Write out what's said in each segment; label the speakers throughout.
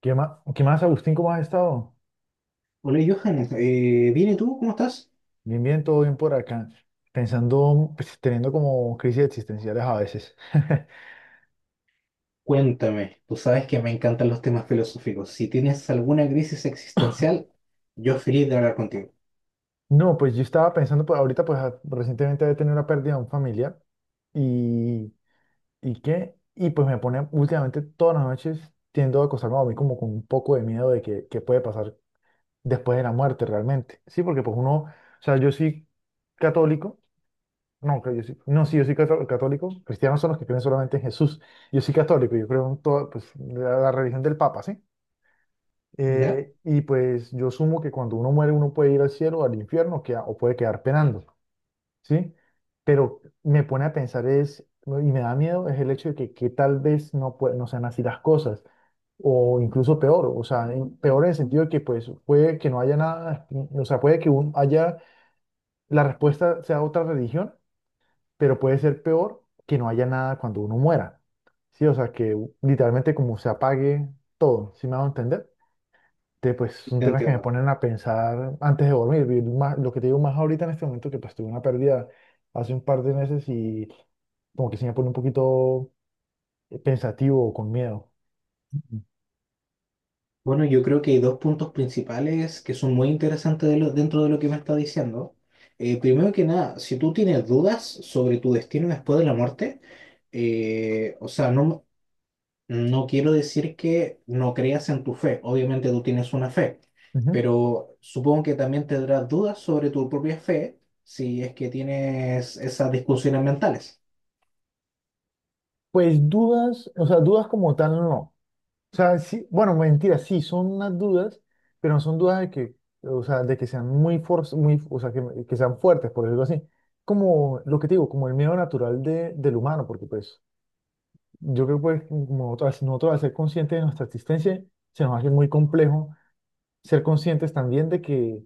Speaker 1: Qué más, Agustín? ¿Cómo has estado?
Speaker 2: Hola Johan, ¿viene tú? ¿Cómo estás?
Speaker 1: Bien, bien, todo bien por acá. Pensando, pues, teniendo como crisis existenciales a veces.
Speaker 2: Cuéntame, tú sabes que me encantan los temas filosóficos. Si tienes alguna crisis existencial, yo feliz de hablar contigo.
Speaker 1: No, pues yo estaba pensando, pues ahorita, pues recientemente había tenido una pérdida de un familiar y, y pues me pone últimamente todas las noches tiendo a acostarme a mí como con un poco de miedo de que puede pasar después de la muerte realmente. Sí, porque pues uno, o sea, yo soy católico. No, creo yo sí, no, sí, yo soy católico. Cristianos son los que creen solamente en Jesús. Yo soy católico, yo creo en toda pues, la religión del Papa, ¿sí?
Speaker 2: ¿Ya?
Speaker 1: Y pues yo asumo que cuando uno muere uno puede ir al cielo, o al infierno, o puede quedar penando, ¿sí? Pero me pone a pensar es, y me da miedo, es el hecho de que tal vez no sean así las cosas, o incluso peor, o sea, peor en el sentido de que pues puede que no haya nada, o sea, puede que haya, la respuesta sea otra religión, pero puede ser peor que no haya nada cuando uno muera. Sí, o sea, que literalmente como se apague todo, ¿sí me hago entender? Entonces, pues son
Speaker 2: Te
Speaker 1: temas que me
Speaker 2: entiendo.
Speaker 1: ponen a pensar antes de dormir. Lo que te digo más ahorita en este momento, que pues tuve una pérdida hace un par de meses y como que se me pone un poquito pensativo o con miedo.
Speaker 2: Bueno, yo creo que hay dos puntos principales que son muy interesantes dentro de lo que me está diciendo. Primero que nada, si tú tienes dudas sobre tu destino después de la muerte, o sea, No quiero decir que no creas en tu fe, obviamente tú tienes una fe,
Speaker 1: Ujú.
Speaker 2: pero supongo que también tendrás dudas sobre tu propia fe si es que tienes esas discusiones mentales.
Speaker 1: Pues dudas, o sea, dudas como tal no. O sea, sí, bueno, mentira, sí, son unas dudas, pero no son dudas de que, o sea, de que sean muy, o sea, que sean fuertes, por decirlo así. Como lo que te digo, como el miedo natural del humano, porque pues yo creo que pues, como nosotros al ser conscientes de nuestra existencia, se nos hace muy complejo ser conscientes también de que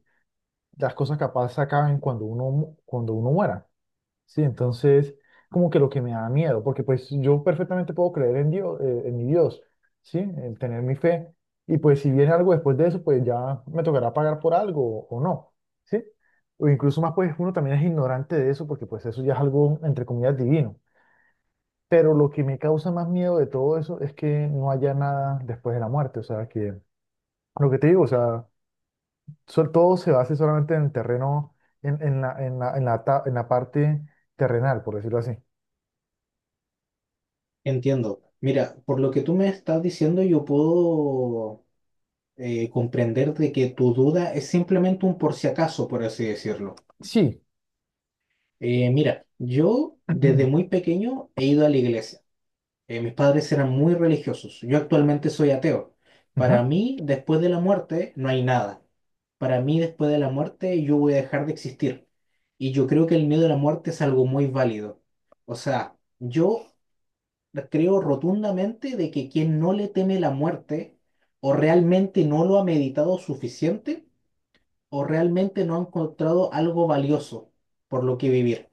Speaker 1: las cosas capaz se acaben cuando uno muera. Sí, entonces, como que lo que me da miedo, porque pues yo perfectamente puedo creer en Dios, en mi Dios, ¿sí? En tener mi fe. Y pues si viene algo después de eso, pues ya me tocará pagar por algo o no, ¿sí? O incluso más, pues uno también es ignorante de eso, porque pues eso ya es algo, entre comillas, divino. Pero lo que me causa más miedo de todo eso es que no haya nada después de la muerte, o sea, que lo que te digo, o sea, todo se base solamente en el terreno, en la parte terrenal, por decirlo así.
Speaker 2: Entiendo. Mira, por lo que tú me estás diciendo, yo puedo comprender de que tu duda es simplemente un por si acaso, por así decirlo.
Speaker 1: Sí.
Speaker 2: Mira, yo desde muy pequeño he ido a la iglesia. Mis padres eran muy religiosos. Yo actualmente soy ateo. Para
Speaker 1: Ajá.
Speaker 2: mí, después de la muerte, no hay nada. Para mí, después de la muerte, yo voy a dejar de existir. Y yo creo que el miedo a la muerte es algo muy válido. O sea, yo creo rotundamente de que quien no le teme la muerte o realmente no lo ha meditado suficiente, o realmente no han encontrado algo valioso por lo que vivir.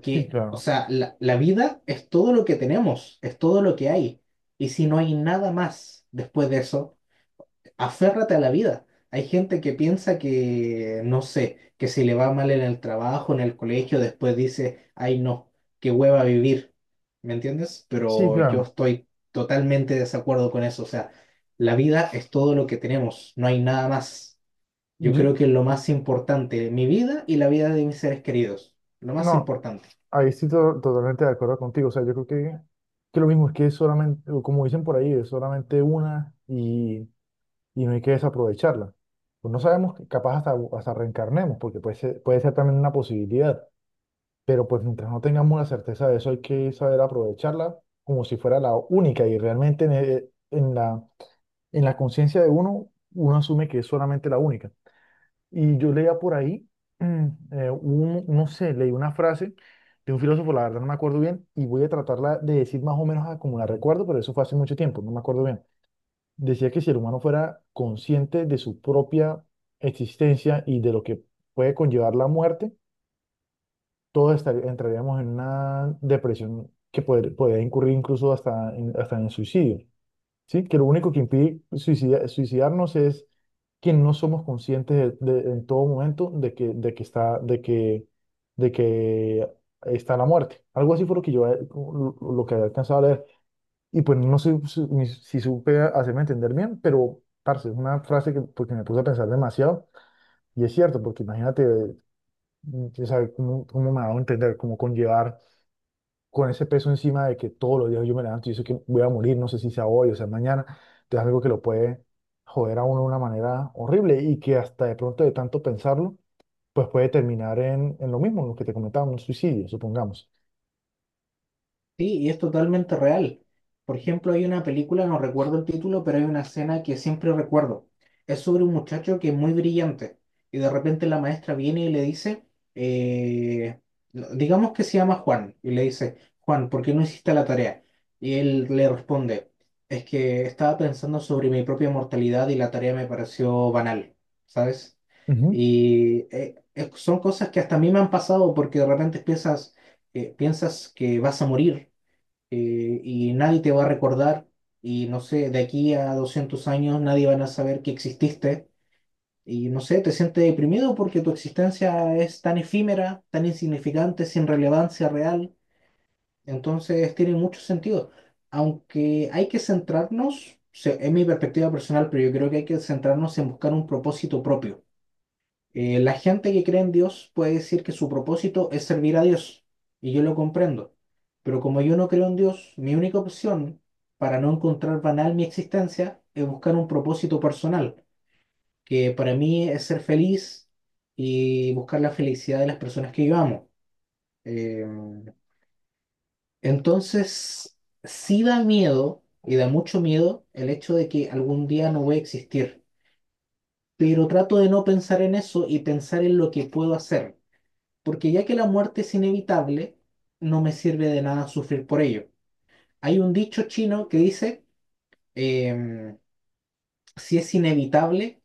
Speaker 1: Sí,
Speaker 2: o
Speaker 1: claro.
Speaker 2: sea, la vida es todo lo que tenemos, es todo lo que hay. Y si no hay nada más después de eso, aférrate a la vida. Hay gente que piensa que, no sé, que si le va mal en el trabajo, en el colegio, después dice, ay no, qué hueva vivir. ¿Me entiendes?
Speaker 1: Sí,
Speaker 2: Pero yo
Speaker 1: claro.
Speaker 2: estoy totalmente de desacuerdo con eso. O sea, la vida es todo lo que tenemos, no hay nada más. Yo
Speaker 1: Yo-
Speaker 2: creo que es lo más importante, mi vida y la vida de mis seres queridos, lo más
Speaker 1: no,
Speaker 2: importante.
Speaker 1: ahí estoy totalmente de acuerdo contigo. O sea, yo creo que lo mismo es que es solamente, o como dicen por ahí, es solamente una y no hay que desaprovecharla. Pues no sabemos, que capaz hasta reencarnemos, porque puede ser también una posibilidad. Pero pues mientras no tengamos la certeza de eso, hay que saber aprovecharla como si fuera la única. Y realmente en la conciencia de uno, uno asume que es solamente la única. Y yo leía por ahí, no sé, leí una frase de un filósofo, la verdad no me acuerdo bien, y voy a tratarla de decir más o menos a como la recuerdo, pero eso fue hace mucho tiempo, no me acuerdo bien. Decía que si el humano fuera consciente de su propia existencia y de lo que puede conllevar la muerte, todos entraríamos en una depresión que podría incurrir incluso hasta en, suicidio. Sí, que lo único que impide suicidarnos es que no somos conscientes en todo momento de que está la muerte. Algo así fue lo que lo que había alcanzado a leer. Y pues no sé ni si supe hacerme entender bien, pero, parce, es una frase que porque me puse a pensar demasiado. Y es cierto, porque imagínate, o sea, cómo me ha dado a entender, cómo conllevar con ese peso encima de que todos los días yo me levanto y yo sé que voy a morir, no sé si sea hoy o sea mañana, entonces algo que lo puede joder a uno de una manera horrible y que hasta de pronto de tanto pensarlo, pues puede terminar en lo mismo, en lo que te comentaba, un suicidio, supongamos.
Speaker 2: Sí, y es totalmente real. Por ejemplo, hay una película, no recuerdo el título, pero hay una escena que siempre recuerdo. Es sobre un muchacho que es muy brillante y de repente la maestra viene y le dice, eh, digamos que se llama Juan, y le dice, Juan, ¿por qué no hiciste la tarea? Y él le responde, es que estaba pensando sobre mi propia mortalidad y la tarea me pareció banal, ¿sabes?
Speaker 1: Ujú.
Speaker 2: Y son cosas que hasta a mí me han pasado porque de repente piensas, piensas que vas a morir y nadie te va a recordar y no sé, de aquí a 200 años nadie van a saber que exististe y no sé, te sientes deprimido porque tu existencia es tan efímera, tan insignificante, sin relevancia real, entonces tiene mucho sentido. Aunque hay que centrarnos, o sea, es mi perspectiva personal, pero yo creo que hay que centrarnos en buscar un propósito propio. La gente que cree en Dios puede decir que su propósito es servir a Dios, y yo lo comprendo, pero como yo no creo en Dios, mi única opción para no encontrar banal mi existencia es buscar un propósito personal, que para mí es ser feliz y buscar la felicidad de las personas que yo amo. Eh, entonces, sí da miedo, y da mucho miedo, el hecho de que algún día no voy a existir, pero trato de no pensar en eso y pensar en lo que puedo hacer. Porque ya que la muerte es inevitable, no me sirve de nada sufrir por ello. Hay un dicho chino que dice, em, si es inevitable,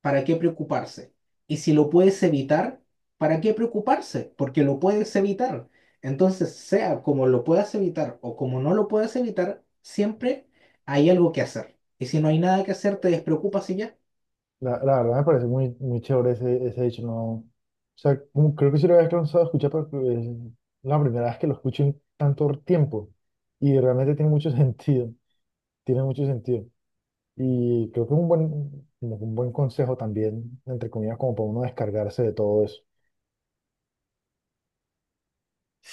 Speaker 2: ¿para qué preocuparse? Y si lo puedes evitar, ¿para qué preocuparse? Porque lo puedes evitar. Entonces, sea como lo puedas evitar o como no lo puedas evitar, siempre hay algo que hacer. Y si no hay nada que hacer, te despreocupas y ya.
Speaker 1: La verdad me parece muy, muy chévere ese hecho, ¿no? O sea, como creo que sí lo había cansado de escuchar, pero es la primera vez que lo escucho en tanto tiempo y realmente tiene mucho sentido, tiene mucho sentido. Y creo que es un buen, como que un buen consejo también, entre comillas, como para uno descargarse de todo eso.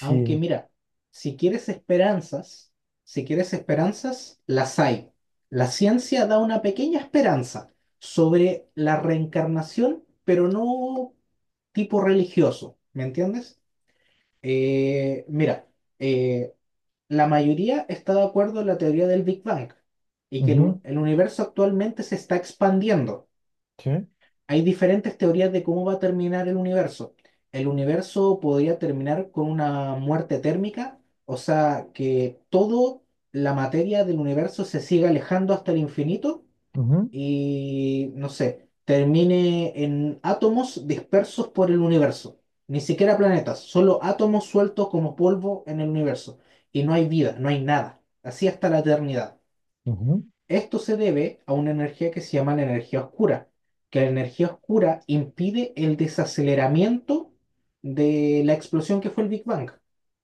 Speaker 2: Aunque mira, si quieres esperanzas, si quieres esperanzas, las hay. La ciencia da una pequeña esperanza sobre la reencarnación, pero no tipo religioso, ¿me entiendes? Mira, eh, la mayoría está de acuerdo en la teoría del Big Bang y que
Speaker 1: ujú,
Speaker 2: el universo actualmente se está expandiendo.
Speaker 1: sí,
Speaker 2: Hay diferentes teorías de cómo va a terminar el universo. El universo podría terminar con una muerte térmica, o sea, que toda la materia del universo se siga alejando hasta el infinito
Speaker 1: ujú,
Speaker 2: y, no sé, termine en átomos dispersos por el universo. Ni siquiera planetas, solo átomos sueltos como polvo en el universo. Y no hay vida, no hay nada. Así hasta la eternidad.
Speaker 1: ujú.
Speaker 2: Esto se debe a una energía que se llama la energía oscura, que la energía oscura impide el desaceleramiento de la explosión que fue el Big Bang.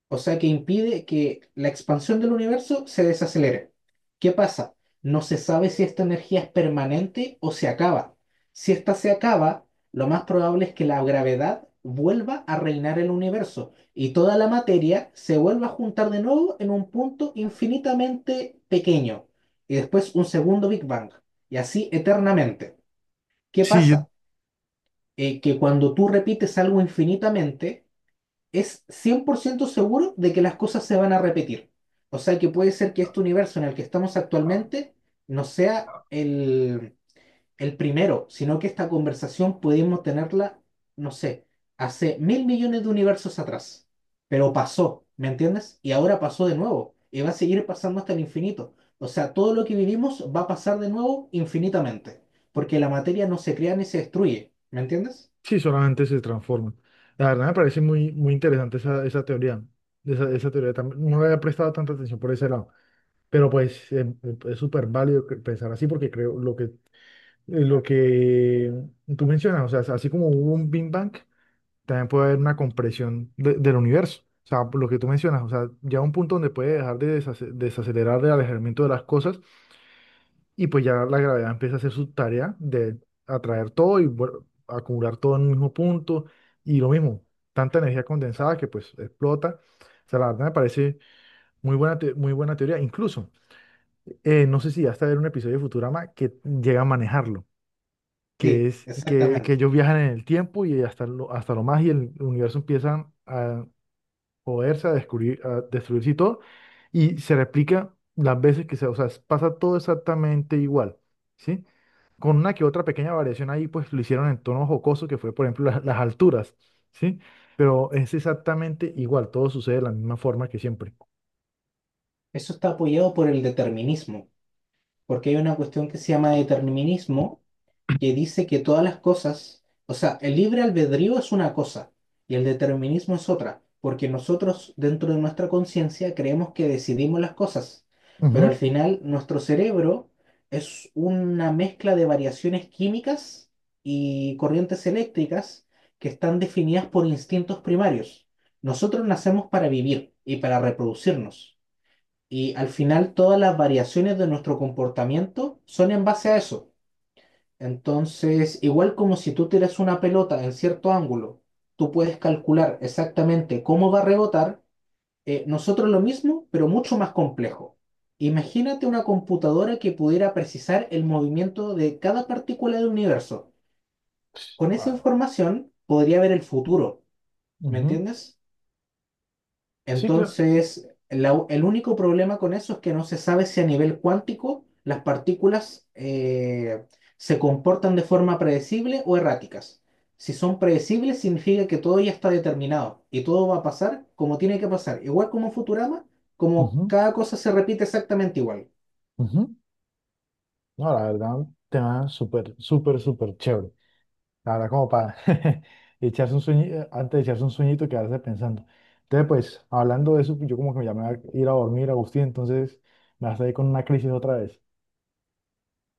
Speaker 2: O sea que impide que la expansión del universo se desacelere. ¿Qué pasa? No se sabe si esta energía es permanente o se acaba. Si esta se acaba, lo más probable es que la gravedad vuelva a reinar el universo y toda la materia se vuelva a juntar de nuevo en un punto infinitamente pequeño y después un segundo Big Bang y así eternamente. ¿Qué
Speaker 1: Sí,
Speaker 2: pasa? Que cuando tú repites algo infinitamente, es 100% seguro de que las cosas se van a repetir. O sea que puede ser que este universo en el que estamos actualmente no sea el primero, sino que esta conversación pudimos tenerla, no sé, hace 1.000 millones de universos atrás. Pero pasó, ¿me entiendes? Y ahora pasó de nuevo y va a seguir pasando hasta el infinito. O sea, todo lo que vivimos va a pasar de nuevo infinitamente, porque la materia no se crea ni se destruye, ¿me entiendes?
Speaker 1: sí, solamente se transforma. La verdad me parece muy, muy interesante esa teoría. Esa teoría también, no le había prestado tanta atención por ese lado. Pero pues es súper válido pensar así porque creo lo que, lo que tú mencionas, o sea, así como hubo un Big Bang, también puede haber una compresión del universo. O sea, por lo que tú mencionas, o sea, ya un punto donde puede dejar de desacelerar el alejamiento de las cosas y pues ya la gravedad empieza a hacer su tarea de atraer todo y acumular todo en un mismo punto y lo mismo, tanta energía condensada que pues explota. O sea, la verdad me parece muy buena teoría. Incluso, no sé si hasta ver un episodio de Futurama que llega a manejarlo, que
Speaker 2: Sí,
Speaker 1: es que
Speaker 2: exactamente.
Speaker 1: ellos viajan en el tiempo y hasta lo más y el universo empieza a joderse, a descubrir, a destruirse y todo, y se replica las veces que se, o sea, pasa todo exactamente igual, ¿sí? Con una que otra pequeña variación ahí, pues lo hicieron en tono jocoso, que fue, por ejemplo, las alturas, ¿sí? Pero es exactamente igual, todo sucede de la misma forma que siempre.
Speaker 2: Eso está apoyado por el determinismo, porque hay una cuestión que se llama determinismo que dice que todas las cosas, o sea, el libre albedrío es una cosa y el determinismo es otra, porque nosotros dentro de nuestra conciencia creemos que decidimos las cosas, pero al
Speaker 1: Ujú.
Speaker 2: final nuestro cerebro es una mezcla de variaciones químicas y corrientes eléctricas que están definidas por instintos primarios. Nosotros nacemos para vivir y para reproducirnos. Y al final todas las variaciones de nuestro comportamiento son en base a eso. Entonces, igual como si tú tiras una pelota en cierto ángulo, tú puedes calcular exactamente cómo va a rebotar, nosotros lo mismo, pero mucho más complejo. Imagínate una computadora que pudiera precisar el movimiento de cada partícula del universo.
Speaker 1: Sí.
Speaker 2: Con esa información podría ver el futuro, ¿me
Speaker 1: Ujú.
Speaker 2: entiendes?
Speaker 1: Sí, claro.
Speaker 2: Entonces, el único problema con eso es que no se sabe si a nivel cuántico las partículas se comportan de forma predecible o erráticas. Si son predecibles, significa que todo ya está determinado y todo va a pasar como tiene que pasar. Igual como en Futurama, como
Speaker 1: Ujú,
Speaker 2: cada cosa se repite exactamente igual.
Speaker 1: ujú. No, la verdad, tema súper, súper, súper chévere. La verdad, como para echarse un sueño, antes de echarse un sueñito, quedarse pensando. Entonces, pues, hablando de eso, pues, yo como que ya me voy a ir a dormir, Agustín, entonces me vas a ir con una crisis otra vez.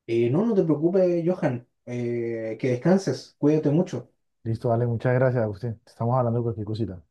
Speaker 2: No, no te preocupes, Johan. Que descanses, cuídate mucho.
Speaker 1: Listo, dale, muchas gracias, Agustín. Estamos hablando de cualquier cosita.